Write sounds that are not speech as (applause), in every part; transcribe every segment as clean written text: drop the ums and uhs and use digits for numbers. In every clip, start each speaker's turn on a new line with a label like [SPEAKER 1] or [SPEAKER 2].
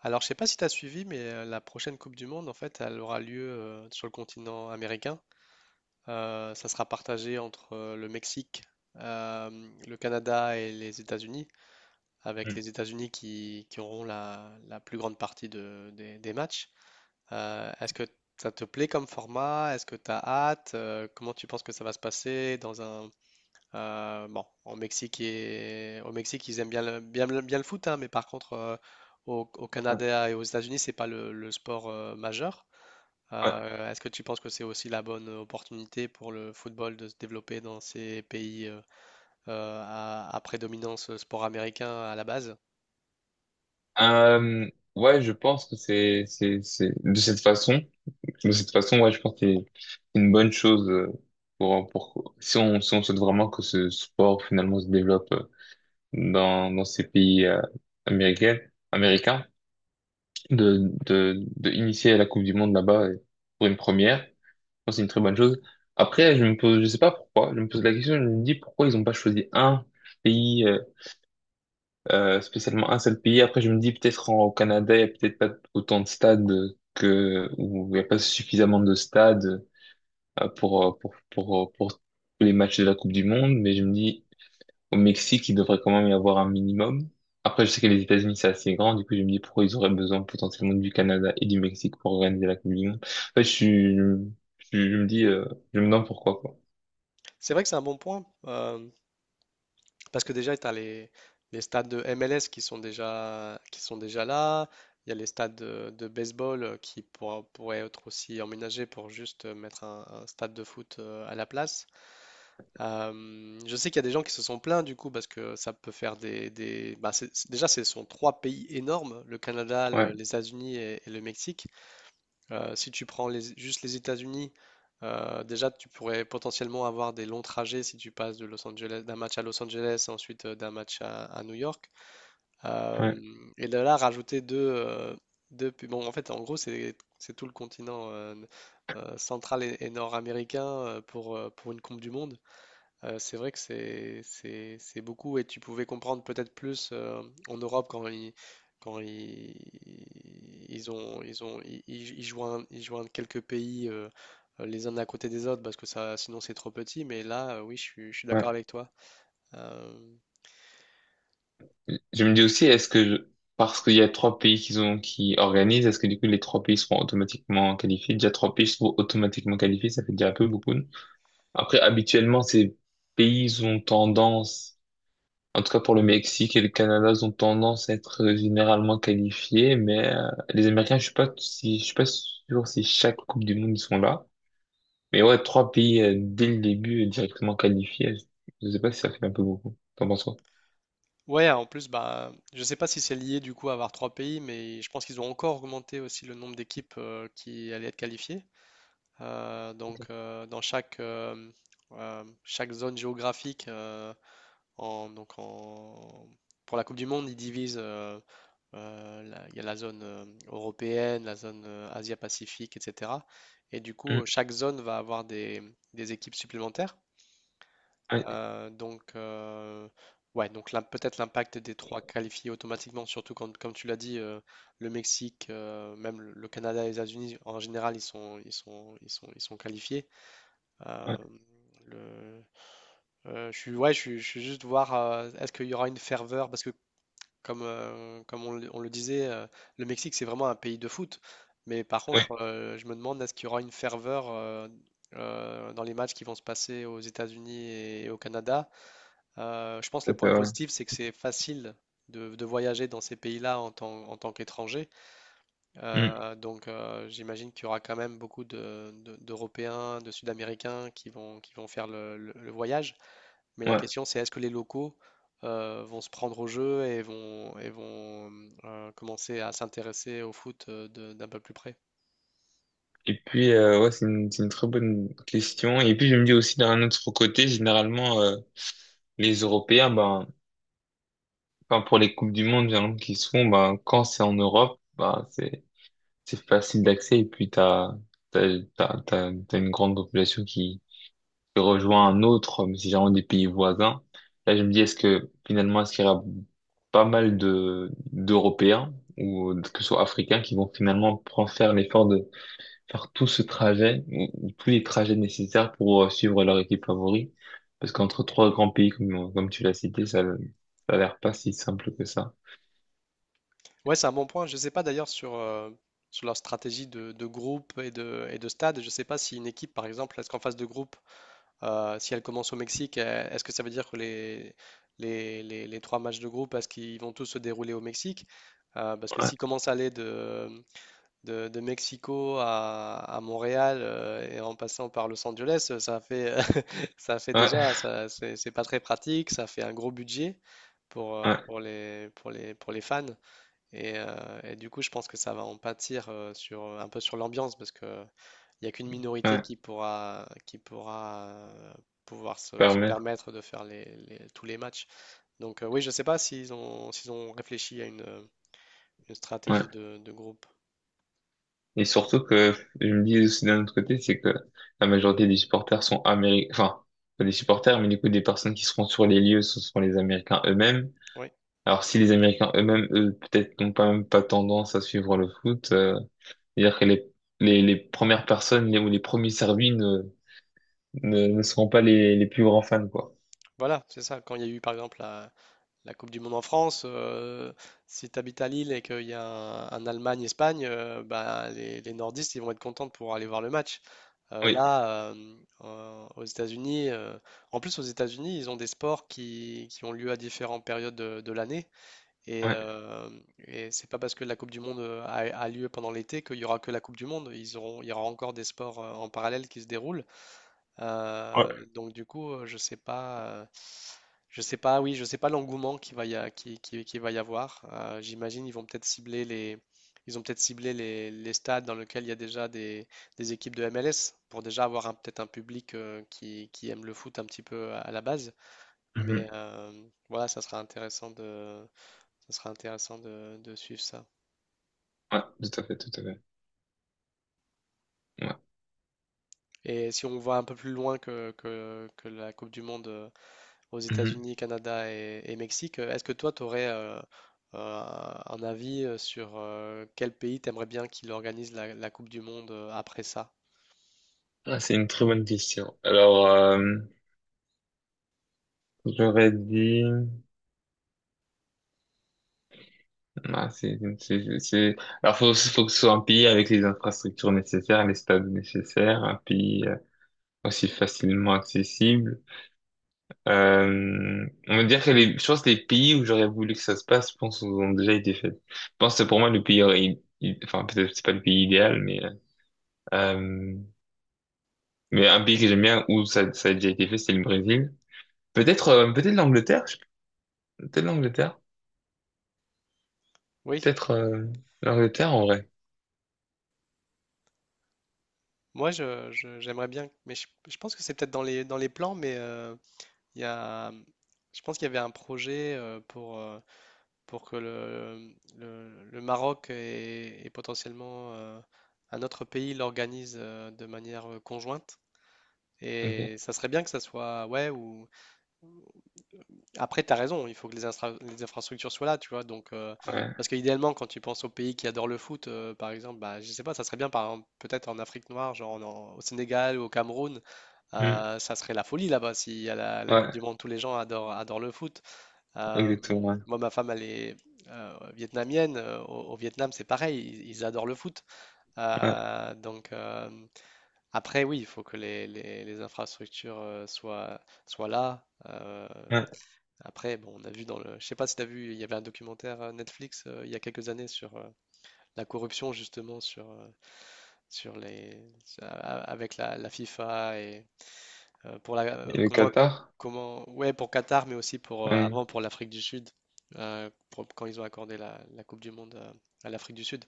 [SPEAKER 1] Alors, je sais pas si tu as suivi, mais la prochaine Coupe du Monde, en fait, elle aura lieu sur le continent américain. Ça sera partagé entre le Mexique, euh, le Canada et les États-Unis, avec
[SPEAKER 2] Mm.
[SPEAKER 1] les États-Unis qui auront la plus grande partie des matchs. Est-ce que ça te plaît comme format? Est-ce que tu as hâte? Comment tu penses que ça va se passer dans un bon, au Mexique, au Mexique, ils aiment bien le foot, hein, mais par contre, au
[SPEAKER 2] Ouais.
[SPEAKER 1] Canada et aux États-Unis, c'est pas le sport majeur.
[SPEAKER 2] Ouais.
[SPEAKER 1] Est-ce que tu penses que c'est aussi la bonne opportunité pour le football de se développer dans ces pays à prédominance sport américain à la base?
[SPEAKER 2] Euh, ouais, je pense que c'est de cette façon, ouais, je pense que c'est une bonne chose pour, si on, si on souhaite vraiment que ce sport finalement se développe dans, dans ces pays américains, américains, de initier la Coupe du Monde là-bas pour une première, je pense que c'est une très bonne chose. Après, je me pose, je sais pas pourquoi, je me pose la question, je me dis pourquoi ils ont pas choisi un pays spécialement un seul pays. Après, je me dis peut-être au Canada, il n'y a peut-être pas autant de stades que, ou il n'y a pas suffisamment de stades pour, pour les matchs de la Coupe du Monde, mais je me dis au Mexique, il devrait quand même y avoir un minimum. Après, je sais que les États-Unis, c'est assez grand, du coup, je me dis pourquoi ils auraient besoin potentiellement du Canada et du Mexique pour organiser la Coupe du Monde. En fait, je me dis, je me demande pourquoi, quoi.
[SPEAKER 1] C'est vrai que c'est un bon point. Parce que déjà, tu as les stades de MLS qui sont déjà là. Il y a les stades de baseball qui pourraient être aussi emménagés pour juste mettre un stade de foot à la place. Je sais qu'il y a des gens qui se sont plaints du coup parce que ça peut faire déjà, ce sont trois pays énormes, le Canada,
[SPEAKER 2] Ouais,
[SPEAKER 1] les États-Unis et le Mexique. Si tu prends juste les États-Unis, déjà tu pourrais potentiellement avoir des longs trajets si tu passes de Los Angeles, d'un match à Los Angeles, ensuite d'un match à New York. Euh,
[SPEAKER 2] ouais,
[SPEAKER 1] et de là, rajouter deux, deux pu- Bon, en fait, en gros, c'est tout le continent central et nord-américain pour une Coupe du Monde. C'est vrai que c'est beaucoup et tu pouvais comprendre peut-être plus en Europe quand ils ont ils ont ils, ils- ils joignent quelques pays les uns à côté des autres parce que ça sinon c'est trop petit mais là oui je suis d'accord
[SPEAKER 2] ouais.
[SPEAKER 1] avec toi. Euh,
[SPEAKER 2] Je me dis aussi, parce qu'il y a trois pays qui ont, qui organisent, est-ce que du coup les trois pays seront automatiquement qualifiés? Déjà trois pays seront automatiquement qualifiés, ça fait déjà un peu beaucoup. Après, habituellement, ces pays ont tendance, en tout cas pour le Mexique et le Canada, ils ont tendance à être généralement qualifiés, mais les Américains, je suis pas sûr si chaque Coupe du Monde ils sont là. Mais ouais, trois pays dès le début directement qualifiés, je sais pas si ça fait un peu beaucoup. T'en penses quoi?
[SPEAKER 1] ouais, en plus, bah je sais pas si c'est lié du coup à avoir trois pays mais je pense qu'ils ont encore augmenté aussi le nombre d'équipes qui allaient être qualifiées.
[SPEAKER 2] Ok.
[SPEAKER 1] Dans chaque zone géographique. En, donc en, pour la Coupe du Monde, ils divisent. Il y a la zone européenne, la zone Asia-Pacifique, etc. Et du coup,
[SPEAKER 2] Mm,
[SPEAKER 1] chaque zone va avoir des équipes supplémentaires.
[SPEAKER 2] ouais,
[SPEAKER 1] Euh, donc, euh, ouais, donc là, peut-être l'impact des trois qualifiés automatiquement, surtout quand, comme tu l'as dit, le Mexique, même le Canada et les États-Unis, en général, ils sont qualifiés. Euh,
[SPEAKER 2] ouais,
[SPEAKER 1] le- je suis, ouais, je suis, Je suis juste voir, est-ce qu'il y aura une ferveur, parce que comme on le disait, le Mexique, c'est vraiment un pays de foot. Mais par
[SPEAKER 2] ouais,
[SPEAKER 1] contre, je me demande, est-ce qu'il y aura une ferveur dans les matchs qui vont se passer aux États-Unis et au Canada? Je pense que
[SPEAKER 2] ça
[SPEAKER 1] le
[SPEAKER 2] fait,
[SPEAKER 1] point
[SPEAKER 2] ouais.
[SPEAKER 1] positif, c'est que c'est facile de voyager dans ces pays-là en tant qu'étranger.
[SPEAKER 2] Mm,
[SPEAKER 1] J'imagine qu'il y aura quand même beaucoup d'Européens, de Sud-Américains qui vont faire le voyage. Mais la
[SPEAKER 2] ouais.
[SPEAKER 1] question, c'est est-ce que les locaux vont se prendre au jeu et vont commencer à s'intéresser au foot d'un peu plus près?
[SPEAKER 2] Et puis, ouais, c'est une très bonne question. Et puis, je me dis aussi, d'un autre côté, généralement, les Européens, ben, enfin, pour les Coupes du Monde, généralement, qui se font, ben, quand c'est en Europe, ben, c'est facile d'accès. Et puis, t'as t'as une grande population qui rejoint un autre, mais c'est généralement des pays voisins. Là, je me dis, est-ce que, finalement, est-ce qu'il y aura pas mal de, d'Européens, ou que ce soit Africains, qui vont finalement prendre faire l'effort de faire tout ce trajet, ou tous les trajets nécessaires pour suivre leur équipe favori. Parce qu'entre trois grands pays, comme, comme tu l'as cité, ça a l'air pas si simple que ça.
[SPEAKER 1] Ouais, c'est un bon point. Je ne sais pas d'ailleurs sur, sur leur stratégie de groupe et de stade. Je ne sais pas si une équipe, par exemple, est-ce qu'en phase de groupe, si elle commence au Mexique, est-ce que ça veut dire que les trois matchs de groupe, est-ce qu'ils vont tous se dérouler au Mexique? Parce que
[SPEAKER 2] Ouais,
[SPEAKER 1] s'ils commencent à aller de Mexico à Montréal et en passant par Los Angeles, ça fait, (laughs) ça fait
[SPEAKER 2] ouais,
[SPEAKER 1] déjà, ça, c'est pas très pratique, ça fait un gros budget pour,
[SPEAKER 2] ouais,
[SPEAKER 1] pour les fans. Et du coup, je pense que ça va en pâtir sur, un peu sur l'ambiance parce que il n'y a qu'une minorité
[SPEAKER 2] ouais,
[SPEAKER 1] qui pourra euh, pouvoir se
[SPEAKER 2] permettre,
[SPEAKER 1] permettre de faire tous les matchs. Donc, oui, je sais pas s'ils ont réfléchi à une stratégie
[SPEAKER 2] ouais.
[SPEAKER 1] de groupe.
[SPEAKER 2] Et surtout que, je me dis aussi d'un autre côté, c'est que la majorité des supporters sont américains, enfin, pas des supporters, mais du coup, des personnes qui seront sur les lieux, ce sont les Américains eux-mêmes.
[SPEAKER 1] Oui.
[SPEAKER 2] Alors, si les Américains eux-mêmes, eux, peut-être n'ont pas même pas tendance à suivre le foot, c'est-à-dire que les premières personnes ou les premiers servis ne seront pas les, les plus grands fans, quoi.
[SPEAKER 1] Voilà, c'est ça. Quand il y a eu par exemple la Coupe du Monde en France, si tu habites à Lille et qu'il y a un Allemagne-Espagne, bah, les nordistes ils vont être contents pour aller voir le match. Euh,
[SPEAKER 2] Oui,
[SPEAKER 1] là, euh, Aux États-Unis, en plus aux États-Unis, ils ont des sports qui ont lieu à différentes périodes de l'année. Et,
[SPEAKER 2] ouais,
[SPEAKER 1] euh, et c'est pas parce que la Coupe du Monde a lieu pendant l'été qu'il y aura que la Coupe du Monde. Il y aura encore des sports en parallèle qui se déroulent.
[SPEAKER 2] ouais,
[SPEAKER 1] Donc du coup, je sais pas, oui, Je sais pas l'engouement qu'il va y a, qui va y avoir. J'imagine ils vont peut-être cibler les, Ils ont peut-être ciblé les stades dans lesquels il y a déjà des équipes de MLS pour déjà avoir peut-être un public qui aime le foot un petit peu à la base.
[SPEAKER 2] mhm,
[SPEAKER 1] Mais voilà, ça sera intéressant de suivre ça.
[SPEAKER 2] ouais, tout à fait, tout à fait. Ouais,
[SPEAKER 1] Et si on voit un peu plus loin que la Coupe du Monde. Aux
[SPEAKER 2] mhm.
[SPEAKER 1] États-Unis, Canada et Mexique. Est-ce que toi, tu aurais un avis sur quel pays t'aimerais bien qu'il organise la Coupe du Monde après ça?
[SPEAKER 2] Ah, c'est une très bonne question. Alors, j'aurais dit... Ah, c'est... Alors, faut que ce soit un pays avec les infrastructures nécessaires, les stades nécessaires, un pays aussi facilement accessible. On va dire que les, je pense que les pays où j'aurais voulu que ça se passe, je pense, ont déjà été faits. Je pense que pour moi, le pays aurait, i- enfin, peut-être que c'est pas le pays idéal, euh, mais un pays que j'aime bien où ça a déjà été fait, c'est le Brésil. Peut-être, peut-être peut-être l'Angleterre,
[SPEAKER 1] Oui,
[SPEAKER 2] peut-être, l'Angleterre en vrai.
[SPEAKER 1] moi, j'aimerais bien, mais je pense que c'est peut-être dans dans les plans, mais il y a, je pense qu'il y avait un projet pour que le Maroc et potentiellement un autre pays l'organise de manière conjointe.
[SPEAKER 2] Ok,
[SPEAKER 1] Et ça serait bien que ça soit, ouais, ou après, tu as raison, il faut que les infrastructures soient là, tu vois. Donc,
[SPEAKER 2] ouais,
[SPEAKER 1] parce qu'idéalement, quand tu penses aux pays qui adorent le foot, par exemple, bah, je sais pas, ça serait bien, par exemple, peut-être en Afrique noire, genre au Sénégal ou au Cameroun,
[SPEAKER 2] Hmm.
[SPEAKER 1] ça serait la folie là-bas. Si à la Coupe du
[SPEAKER 2] Ouais,
[SPEAKER 1] Monde, tous les gens adorent, adorent le foot. Euh,
[SPEAKER 2] exactement, ouais,
[SPEAKER 1] Moi, ma femme, elle est vietnamienne. Au Vietnam, c'est pareil, ils adorent le foot.
[SPEAKER 2] ouais,
[SPEAKER 1] Euh, donc, euh, Après, oui, il faut que les infrastructures soient là.
[SPEAKER 2] ouais.
[SPEAKER 1] Après, bon, on a vu dans le, je sais pas si t'as vu, il y avait un documentaire Netflix il y a quelques années sur la corruption justement sur sur les sur- a- a- avec la FIFA et pour la
[SPEAKER 2] Et le
[SPEAKER 1] comment
[SPEAKER 2] Qatar?
[SPEAKER 1] comment ouais pour Qatar mais aussi pour
[SPEAKER 2] Ouais.
[SPEAKER 1] avant pour l'Afrique du Sud quand ils ont accordé la Coupe du Monde à l'Afrique du Sud.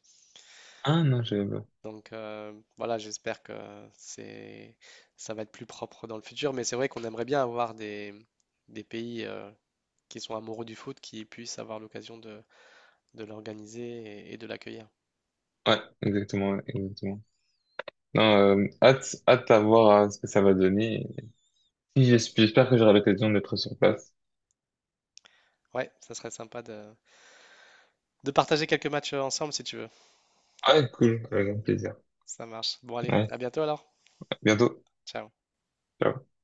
[SPEAKER 2] Ah non, je pas.
[SPEAKER 1] Donc voilà, j'espère que c'est ça va être plus propre dans le futur, mais c'est vrai qu'on aimerait bien avoir des pays qui sont amoureux du foot qui puissent avoir l'occasion de l'organiser et de l'accueillir.
[SPEAKER 2] Ouais, exactement, ouais, exactement. Non, hâte, hâte à voir ce que ça va donner. Si, j'espère que j'aurai l'occasion d'être sur place.
[SPEAKER 1] Ouais, ça serait sympa de partager quelques matchs ensemble si tu veux.
[SPEAKER 2] Ah, cool, avec grand plaisir.
[SPEAKER 1] Ça marche. Bon, allez,
[SPEAKER 2] Ouais,
[SPEAKER 1] à bientôt alors.
[SPEAKER 2] à bientôt.
[SPEAKER 1] Ciao.
[SPEAKER 2] Ciao.